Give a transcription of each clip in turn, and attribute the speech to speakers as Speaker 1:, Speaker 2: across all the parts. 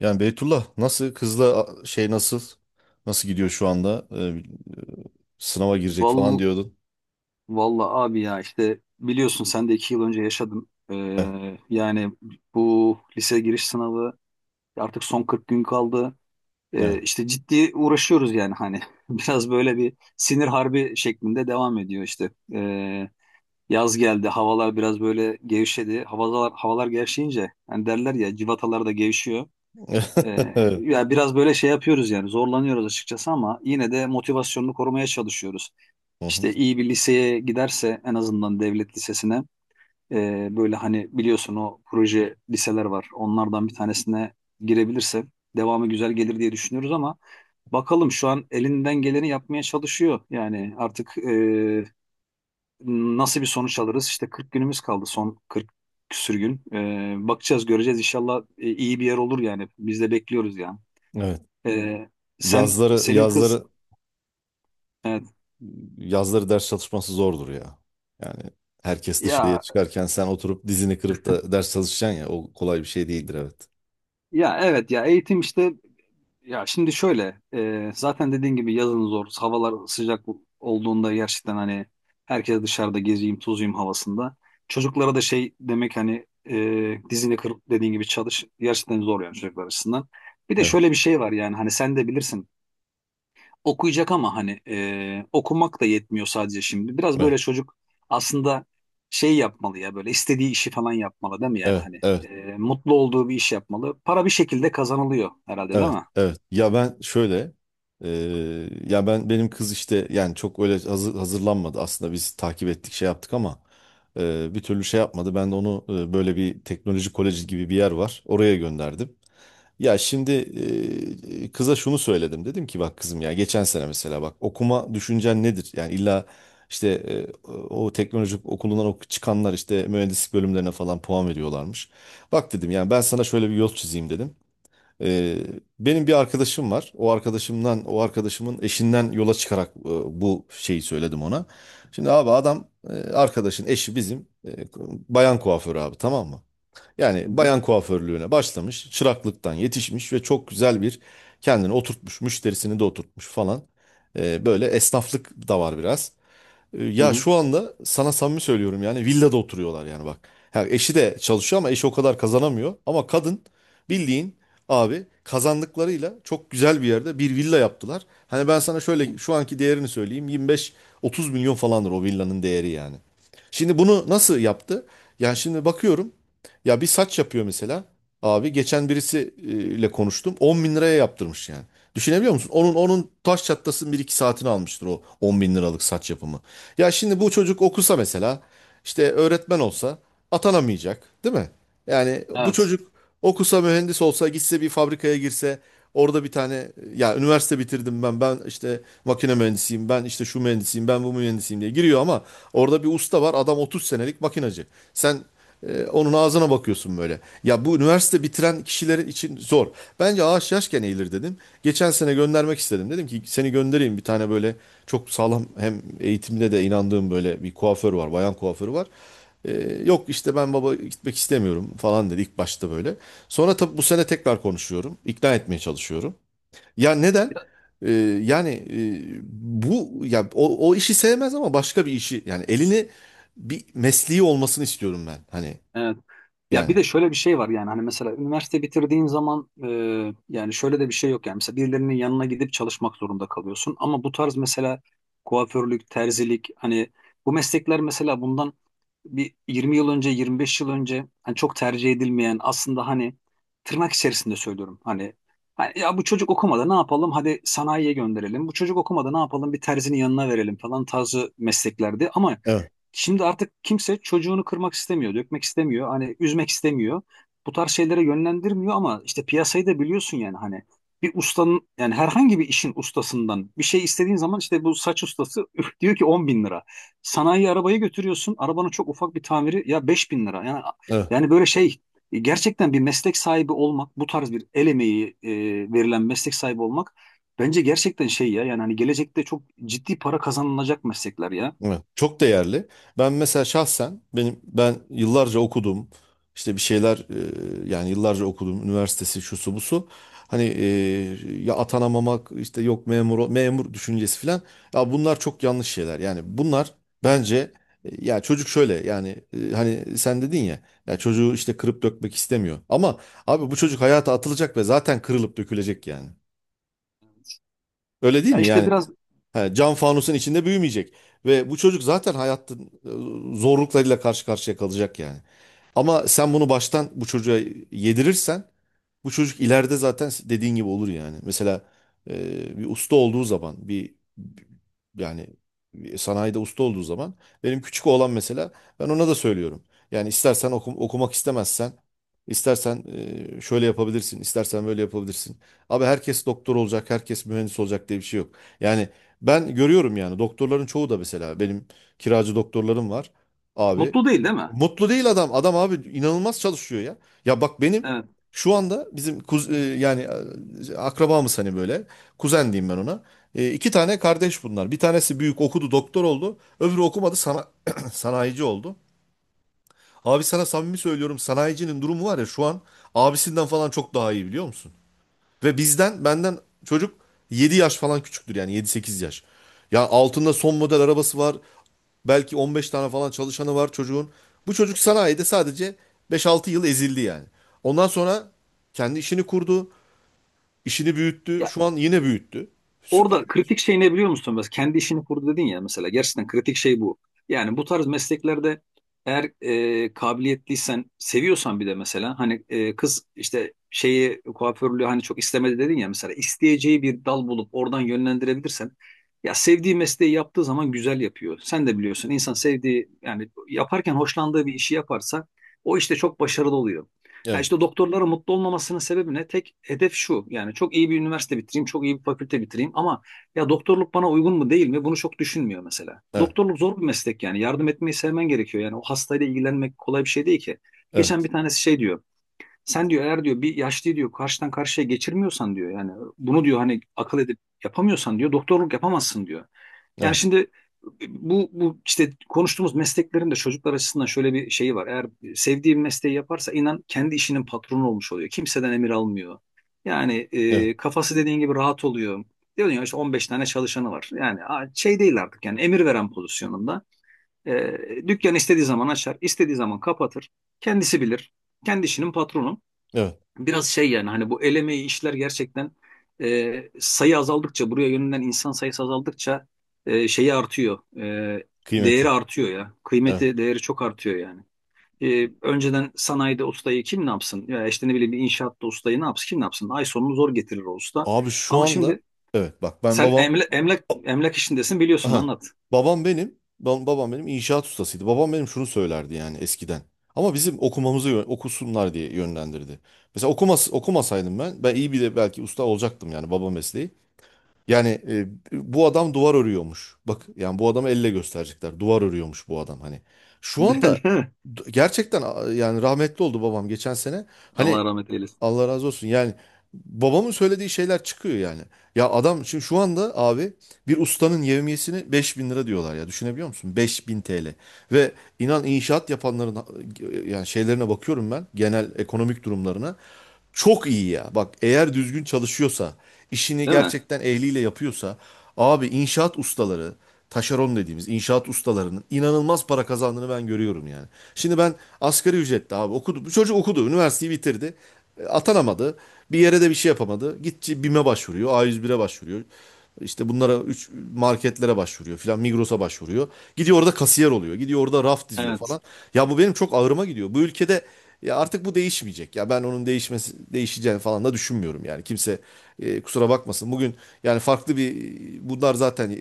Speaker 1: Yani Beytullah nasıl kızla nasıl gidiyor şu anda? Sınava girecek falan
Speaker 2: Val,
Speaker 1: diyordun.
Speaker 2: valla abi ya işte biliyorsun sen de iki yıl önce yaşadın.
Speaker 1: Evet.
Speaker 2: Yani bu lise giriş sınavı artık son 40 gün kaldı.
Speaker 1: Evet.
Speaker 2: İşte ciddi uğraşıyoruz yani hani biraz böyle bir sinir harbi şeklinde devam ediyor işte. Yaz geldi havalar biraz böyle gevşedi. Havalar, havalar gevşeyince hani derler ya civatalar da gevşiyor.
Speaker 1: Evet.
Speaker 2: Ya, biraz böyle şey yapıyoruz, yani zorlanıyoruz açıkçası ama yine de motivasyonunu korumaya çalışıyoruz.
Speaker 1: Hı hı.
Speaker 2: İşte iyi bir liseye giderse, en azından devlet lisesine böyle hani biliyorsun, o proje liseler var. Onlardan bir tanesine girebilirse devamı güzel gelir diye düşünüyoruz ama bakalım, şu an elinden geleni yapmaya çalışıyor. Yani artık nasıl bir sonuç alırız? İşte 40 günümüz kaldı, son 40 küsür gün. Bakacağız, göreceğiz, inşallah iyi bir yer olur yani. Biz de bekliyoruz yani.
Speaker 1: Evet.
Speaker 2: Ee, sen
Speaker 1: Yazları
Speaker 2: senin kız.
Speaker 1: yazları
Speaker 2: Evet.
Speaker 1: yazları ders çalışması zordur ya. Yani herkes dışarıya
Speaker 2: Ya,
Speaker 1: çıkarken sen oturup dizini kırıp da ders çalışacaksın ya o kolay bir şey değildir, evet.
Speaker 2: ya evet, ya eğitim işte. Ya, şimdi şöyle, zaten dediğin gibi yazın zor, havalar sıcak olduğunda gerçekten hani herkes dışarıda gezeyim tozuyum havasında, çocuklara da şey demek, hani dizini kırıp dediğin gibi çalış, gerçekten zor yani çocuklar açısından. Bir de
Speaker 1: Evet.
Speaker 2: şöyle bir şey var yani hani sen de bilirsin, okuyacak ama hani okumak da yetmiyor sadece şimdi. Biraz
Speaker 1: Evet.
Speaker 2: böyle çocuk aslında şey yapmalı ya, böyle istediği işi falan yapmalı, değil mi? Yani
Speaker 1: Evet.
Speaker 2: hani
Speaker 1: Evet.
Speaker 2: mutlu olduğu bir iş yapmalı. Para bir şekilde kazanılıyor herhalde, değil
Speaker 1: Evet,
Speaker 2: mi?
Speaker 1: evet. Ya ben şöyle, e, ya ben benim kız işte yani çok öyle hazırlanmadı aslında. Biz takip ettik, şey yaptık ama bir türlü şey yapmadı. Ben de onu böyle bir teknoloji koleji gibi bir yer var, oraya gönderdim. Ya şimdi kıza şunu söyledim. Dedim ki, bak kızım, ya geçen sene mesela, bak okuma düşüncen nedir? Yani illa işte o teknoloji okulundan çıkanlar işte mühendislik bölümlerine falan puan veriyorlarmış. Bak dedim, yani ben sana şöyle bir yol çizeyim dedim. Ee, benim bir arkadaşım var. O arkadaşımın eşinden yola çıkarak bu şeyi söyledim ona. Şimdi abi adam arkadaşın eşi bizim bayan kuaförü abi, tamam mı? Yani
Speaker 2: Hı hı.
Speaker 1: bayan kuaförlüğüne başlamış, çıraklıktan yetişmiş ve çok güzel bir kendini oturtmuş, müşterisini de oturtmuş falan. Böyle esnaflık da var biraz. Ya şu anda sana samimi söylüyorum, yani villada oturuyorlar yani, bak. Ha, eşi de çalışıyor ama eşi o kadar kazanamıyor. Ama kadın, bildiğin abi, kazandıklarıyla çok güzel bir yerde bir villa yaptılar. Hani ben sana
Speaker 2: Hı hı.
Speaker 1: şöyle şu anki değerini söyleyeyim, 25-30 milyon falandır o villanın değeri yani. Şimdi bunu nasıl yaptı? Yani şimdi bakıyorum ya, bir saç yapıyor mesela. Abi geçen birisiyle konuştum, 10 bin liraya yaptırmış yani. Düşünebiliyor musun? Onun taş çatlasının bir iki saatini almıştır o 10 bin liralık saç yapımı. Ya şimdi bu çocuk okusa mesela, işte öğretmen olsa atanamayacak değil mi? Yani bu
Speaker 2: Evet.
Speaker 1: çocuk okusa, mühendis olsa, gitse bir fabrikaya girse, orada bir tane ya üniversite bitirdim ben işte makine mühendisiyim, ben işte şu mühendisiyim, ben bu mühendisiyim diye giriyor ama orada bir usta var, adam 30 senelik makinacı. Sen onun ağzına bakıyorsun böyle. Ya bu üniversite bitiren kişiler için zor. Bence ağaç yaşken eğilir dedim. Geçen sene göndermek istedim. Dedim ki seni göndereyim, bir tane böyle çok sağlam, hem eğitimde de inandığım böyle bir kuaför var, bayan kuaförü var. Ee, yok işte ben baba gitmek istemiyorum falan dedi ilk başta böyle. Sonra tabii bu sene tekrar konuşuyorum, İkna etmeye çalışıyorum. Ya neden? Ee, yani bu ya o işi sevmez ama başka bir işi, yani elini, bir mesleği olmasını istiyorum ben. Hani
Speaker 2: Evet. Ya
Speaker 1: yani.
Speaker 2: bir de şöyle bir şey var yani hani mesela üniversite bitirdiğin zaman yani şöyle de bir şey yok yani, mesela birilerinin yanına gidip çalışmak zorunda kalıyorsun ama bu tarz mesela kuaförlük, terzilik, hani bu meslekler mesela bundan bir 20 yıl önce, 25 yıl önce hani çok tercih edilmeyen, aslında hani tırnak içerisinde söylüyorum hani, hani ya bu çocuk okumadı ne yapalım hadi sanayiye gönderelim, bu çocuk okumadı ne yapalım bir terzinin yanına verelim falan tarzı mesleklerdi ama
Speaker 1: Evet,
Speaker 2: şimdi artık kimse çocuğunu kırmak istemiyor, dökmek istemiyor, hani üzmek istemiyor. Bu tarz şeylere yönlendirmiyor ama işte piyasayı da biliyorsun yani hani bir ustanın, yani herhangi bir işin ustasından bir şey istediğin zaman, işte bu saç ustası üf, diyor ki 10.000 lira. Sanayi arabayı götürüyorsun, arabanın çok ufak bir tamiri ya 5.000 lira. Yani,
Speaker 1: evet,
Speaker 2: yani böyle şey, gerçekten bir meslek sahibi olmak, bu tarz bir el emeği verilen meslek sahibi olmak bence gerçekten şey ya, yani hani gelecekte çok ciddi para kazanılacak meslekler ya.
Speaker 1: evet. Çok değerli. Ben mesela şahsen benim ben yıllarca okudum işte, bir şeyler yani yıllarca okudum, üniversitesi şusu busu. Hani ya atanamamak işte, yok memur memur düşüncesi filan. Ya bunlar çok yanlış şeyler. Yani bunlar bence ya çocuk şöyle yani hani sen dedin ya, ya çocuğu işte kırıp dökmek istemiyor. Ama abi bu çocuk hayata atılacak ve zaten kırılıp dökülecek yani. Öyle değil
Speaker 2: Ya
Speaker 1: mi?
Speaker 2: işte
Speaker 1: Yani,
Speaker 2: biraz.
Speaker 1: he, cam fanusun içinde büyümeyecek. Ve bu çocuk zaten hayatın zorluklarıyla karşı karşıya kalacak yani. Ama sen bunu baştan bu çocuğa yedirirsen bu çocuk ileride zaten dediğin gibi olur yani. Mesela bir usta olduğu zaman, bir yani bir sanayide usta olduğu zaman, benim küçük oğlan mesela, ben ona da söylüyorum. Yani istersen okumak istemezsen, istersen şöyle yapabilirsin, istersen böyle yapabilirsin. Abi herkes doktor olacak, herkes mühendis olacak diye bir şey yok. Yani ben görüyorum yani, doktorların çoğu da mesela, benim kiracı doktorlarım var abi.
Speaker 2: Mutlu değil, değil mi?
Speaker 1: Mutlu değil adam. Adam abi inanılmaz çalışıyor ya. Ya bak benim
Speaker 2: Evet.
Speaker 1: şu anda bizim yani akrabamız hani böyle. Kuzen diyeyim ben ona. İki tane kardeş bunlar. Bir tanesi büyük, okudu, doktor oldu. Öbürü okumadı sanayici oldu. Abi sana samimi söylüyorum, sanayicinin durumu var ya şu an, abisinden falan çok daha iyi, biliyor musun? Ve benden çocuk 7 yaş falan küçüktür, yani yedi sekiz yaş. Ya altında son model arabası var. Belki 15 tane falan çalışanı var çocuğun. Bu çocuk sanayide sadece beş altı yıl ezildi yani. Ondan sonra kendi işini kurdu, işini büyüttü.
Speaker 2: Ya,
Speaker 1: Şu an yine büyüttü. Süper
Speaker 2: orada
Speaker 1: bir iş.
Speaker 2: kritik şey ne biliyor musun? Mesela kendi işini kurdu dedin ya mesela. Gerçekten kritik şey bu. Yani bu tarz mesleklerde eğer kabiliyetliysen, seviyorsan, bir de mesela hani kız işte şeyi, kuaförlüğü hani çok istemedi dedin ya, mesela isteyeceği bir dal bulup oradan yönlendirebilirsen, ya sevdiği mesleği yaptığı zaman güzel yapıyor. Sen de biliyorsun, insan sevdiği, yani yaparken hoşlandığı bir işi yaparsa o işte çok başarılı oluyor. Ya işte
Speaker 1: Evet,
Speaker 2: doktorların mutlu olmamasının sebebi ne? Tek hedef şu. Yani çok iyi bir üniversite bitireyim, çok iyi bir fakülte bitireyim ama ya doktorluk bana uygun mu değil mi? Bunu çok düşünmüyor mesela.
Speaker 1: evet,
Speaker 2: Doktorluk zor bir meslek yani. Yardım etmeyi sevmen gerekiyor. Yani o hastayla ilgilenmek kolay bir şey değil ki. Geçen
Speaker 1: evet,
Speaker 2: bir tanesi şey diyor. Sen diyor eğer diyor bir yaşlıyı diyor karşıdan karşıya geçirmiyorsan diyor, yani bunu diyor hani akıl edip yapamıyorsan diyor doktorluk yapamazsın diyor. Yani
Speaker 1: evet,
Speaker 2: şimdi bu işte konuştuğumuz mesleklerin de çocuklar açısından şöyle bir şeyi var. Eğer sevdiği bir mesleği yaparsa, inan, kendi işinin patronu olmuş oluyor. Kimseden emir almıyor. Yani
Speaker 1: evet,
Speaker 2: kafası dediğin gibi rahat oluyor. Diyorsun ya işte 15 tane çalışanı var. Yani a- şey değil artık yani, emir veren pozisyonunda. E, Dükkan istediği zaman açar, istediği zaman kapatır. Kendisi bilir. Kendi işinin patronu,
Speaker 1: evet.
Speaker 2: biraz şey yani hani, bu el emeği işler gerçekten sayı azaldıkça, buraya yönelen insan sayısı azaldıkça şeyi artıyor. Değeri
Speaker 1: Kıymeti.
Speaker 2: artıyor ya.
Speaker 1: Evet.
Speaker 2: Kıymeti, değeri çok artıyor yani. Önceden sanayide ustayı kim ne yapsın? Ya işte ne bileyim, bir inşaatta ustayı ne yapsın? Kim ne yapsın? Ay sonunu zor getirir o usta.
Speaker 1: Abi şu
Speaker 2: Ama
Speaker 1: anda,
Speaker 2: şimdi
Speaker 1: evet, bak ben
Speaker 2: sen
Speaker 1: babam.
Speaker 2: emlak işindesin, biliyorsun,
Speaker 1: Aha.
Speaker 2: anlat.
Speaker 1: Babam benim inşaat ustasıydı. Babam benim şunu söylerdi yani eskiden. Ama bizim okumamızı okusunlar diye yönlendirdi. Mesela okumasaydım ben iyi bir de belki usta olacaktım yani, baba mesleği. Yani bu adam duvar örüyormuş. Bak yani bu adamı elle gösterecekler. Duvar örüyormuş bu adam hani. Şu anda
Speaker 2: Değil mi?
Speaker 1: gerçekten yani rahmetli oldu babam geçen sene. Hani
Speaker 2: Allah rahmet eylesin.
Speaker 1: Allah razı olsun. Yani babamın söylediği şeyler çıkıyor yani. Ya adam şimdi şu anda abi, bir ustanın yevmiyesini 5.000 lira diyorlar ya. Düşünebiliyor musun? 5.000 TL. Ve inan inşaat yapanların yani şeylerine bakıyorum ben, genel ekonomik durumlarına. Çok iyi ya. Bak eğer düzgün çalışıyorsa, işini
Speaker 2: Değil mi?
Speaker 1: gerçekten ehliyle yapıyorsa, abi inşaat ustaları, taşeron dediğimiz inşaat ustalarının inanılmaz para kazandığını ben görüyorum yani. Şimdi ben asgari ücretli abi, okudu bu çocuk, okudu, üniversiteyi bitirdi. Atanamadı. Bir yere de bir şey yapamadı. Gitti BİM'e başvuruyor, A101'e başvuruyor. İşte bunlara, üç marketlere başvuruyor filan, Migros'a başvuruyor. Gidiyor orada kasiyer oluyor, gidiyor orada raf diziyor
Speaker 2: Evet.
Speaker 1: falan. Ya bu benim çok ağrıma gidiyor. Bu ülkede ya artık bu değişmeyecek. Ya ben onun değişmesi değiş değişeceğini falan da düşünmüyorum yani. Kimse kusura bakmasın. Bugün yani farklı bir, bunlar zaten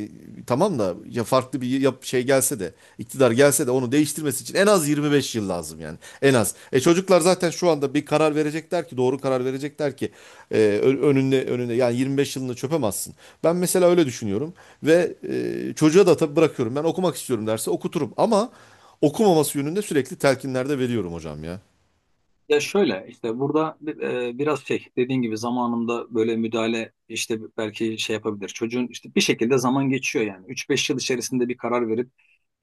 Speaker 1: tamam da, ya farklı bir şey gelse de, iktidar gelse de onu değiştirmesi için en az 25 yıl lazım yani. En az. Çocuklar zaten şu anda bir karar verecekler ki, doğru karar verecekler ki e, önünde yani 25 yılını çöpemezsin. Ben mesela öyle düşünüyorum ve çocuğa da tabii bırakıyorum. Ben okumak istiyorum derse okuturum ama okumaması yönünde sürekli telkinlerde veriyorum hocam ya.
Speaker 2: Ya, şöyle işte, burada biraz şey dediğin gibi, zamanında böyle müdahale işte belki şey yapabilir. Çocuğun işte bir şekilde zaman geçiyor yani. Üç beş yıl içerisinde bir karar verip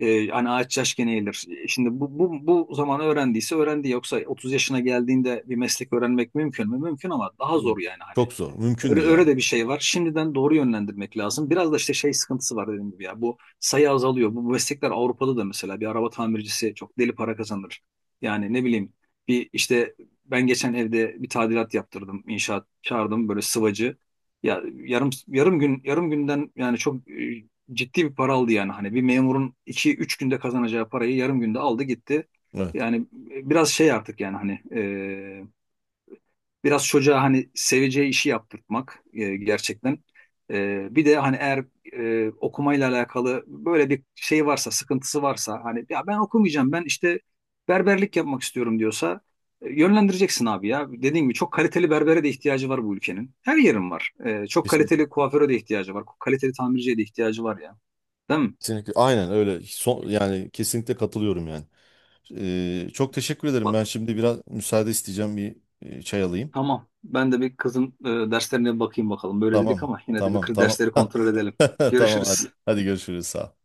Speaker 2: hani ağaç yaş gene eğilir. Şimdi bu zaman öğrendiyse öğrendi. Yoksa 30 yaşına geldiğinde bir meslek öğrenmek mümkün mü? Mümkün ama daha zor
Speaker 1: Evet.
Speaker 2: yani hani.
Speaker 1: Çok zor. Mümkün
Speaker 2: Öyle,
Speaker 1: değil
Speaker 2: öyle
Speaker 1: abi.
Speaker 2: de bir şey var. Şimdiden doğru yönlendirmek lazım. Biraz da işte şey sıkıntısı var dediğim gibi ya. Bu sayı azalıyor. Bu meslekler Avrupa'da da, mesela bir araba tamircisi çok deli para kazanır. Yani ne bileyim, bir işte, ben geçen evde bir tadilat yaptırdım. İnşaat çağırdım, böyle sıvacı. Ya yarım yarım gün, yarım günden yani çok ciddi bir para aldı yani. Hani bir memurun iki üç günde kazanacağı parayı yarım günde aldı gitti.
Speaker 1: Evet.
Speaker 2: Yani biraz şey artık yani hani, biraz çocuğa hani seveceği işi yaptırtmak gerçekten. Bir de hani eğer okumayla alakalı böyle bir şey varsa, sıkıntısı varsa, hani ya ben okumayacağım, ben işte berberlik yapmak istiyorum diyorsa yönlendireceksin abi ya. Dediğim gibi çok kaliteli berbere de ihtiyacı var bu ülkenin. Her yerin var. Çok
Speaker 1: Kesinlikle,
Speaker 2: kaliteli kuaföre de ihtiyacı var. Kaliteli tamirciye de ihtiyacı var ya. Değil mi?
Speaker 1: kesinlikle. Aynen öyle. Son, yani kesinlikle katılıyorum yani. Çok teşekkür ederim.
Speaker 2: Bak.
Speaker 1: Ben şimdi biraz müsaade isteyeceğim. Bir çay alayım.
Speaker 2: Tamam. Ben de bir kızın derslerine bakayım bakalım. Böyle dedik
Speaker 1: Tamam.
Speaker 2: ama yine de bir
Speaker 1: Tamam.
Speaker 2: kız
Speaker 1: Tamam.
Speaker 2: dersleri kontrol edelim.
Speaker 1: Tamam. Hadi.
Speaker 2: Görüşürüz.
Speaker 1: Hadi görüşürüz. Sağ ol.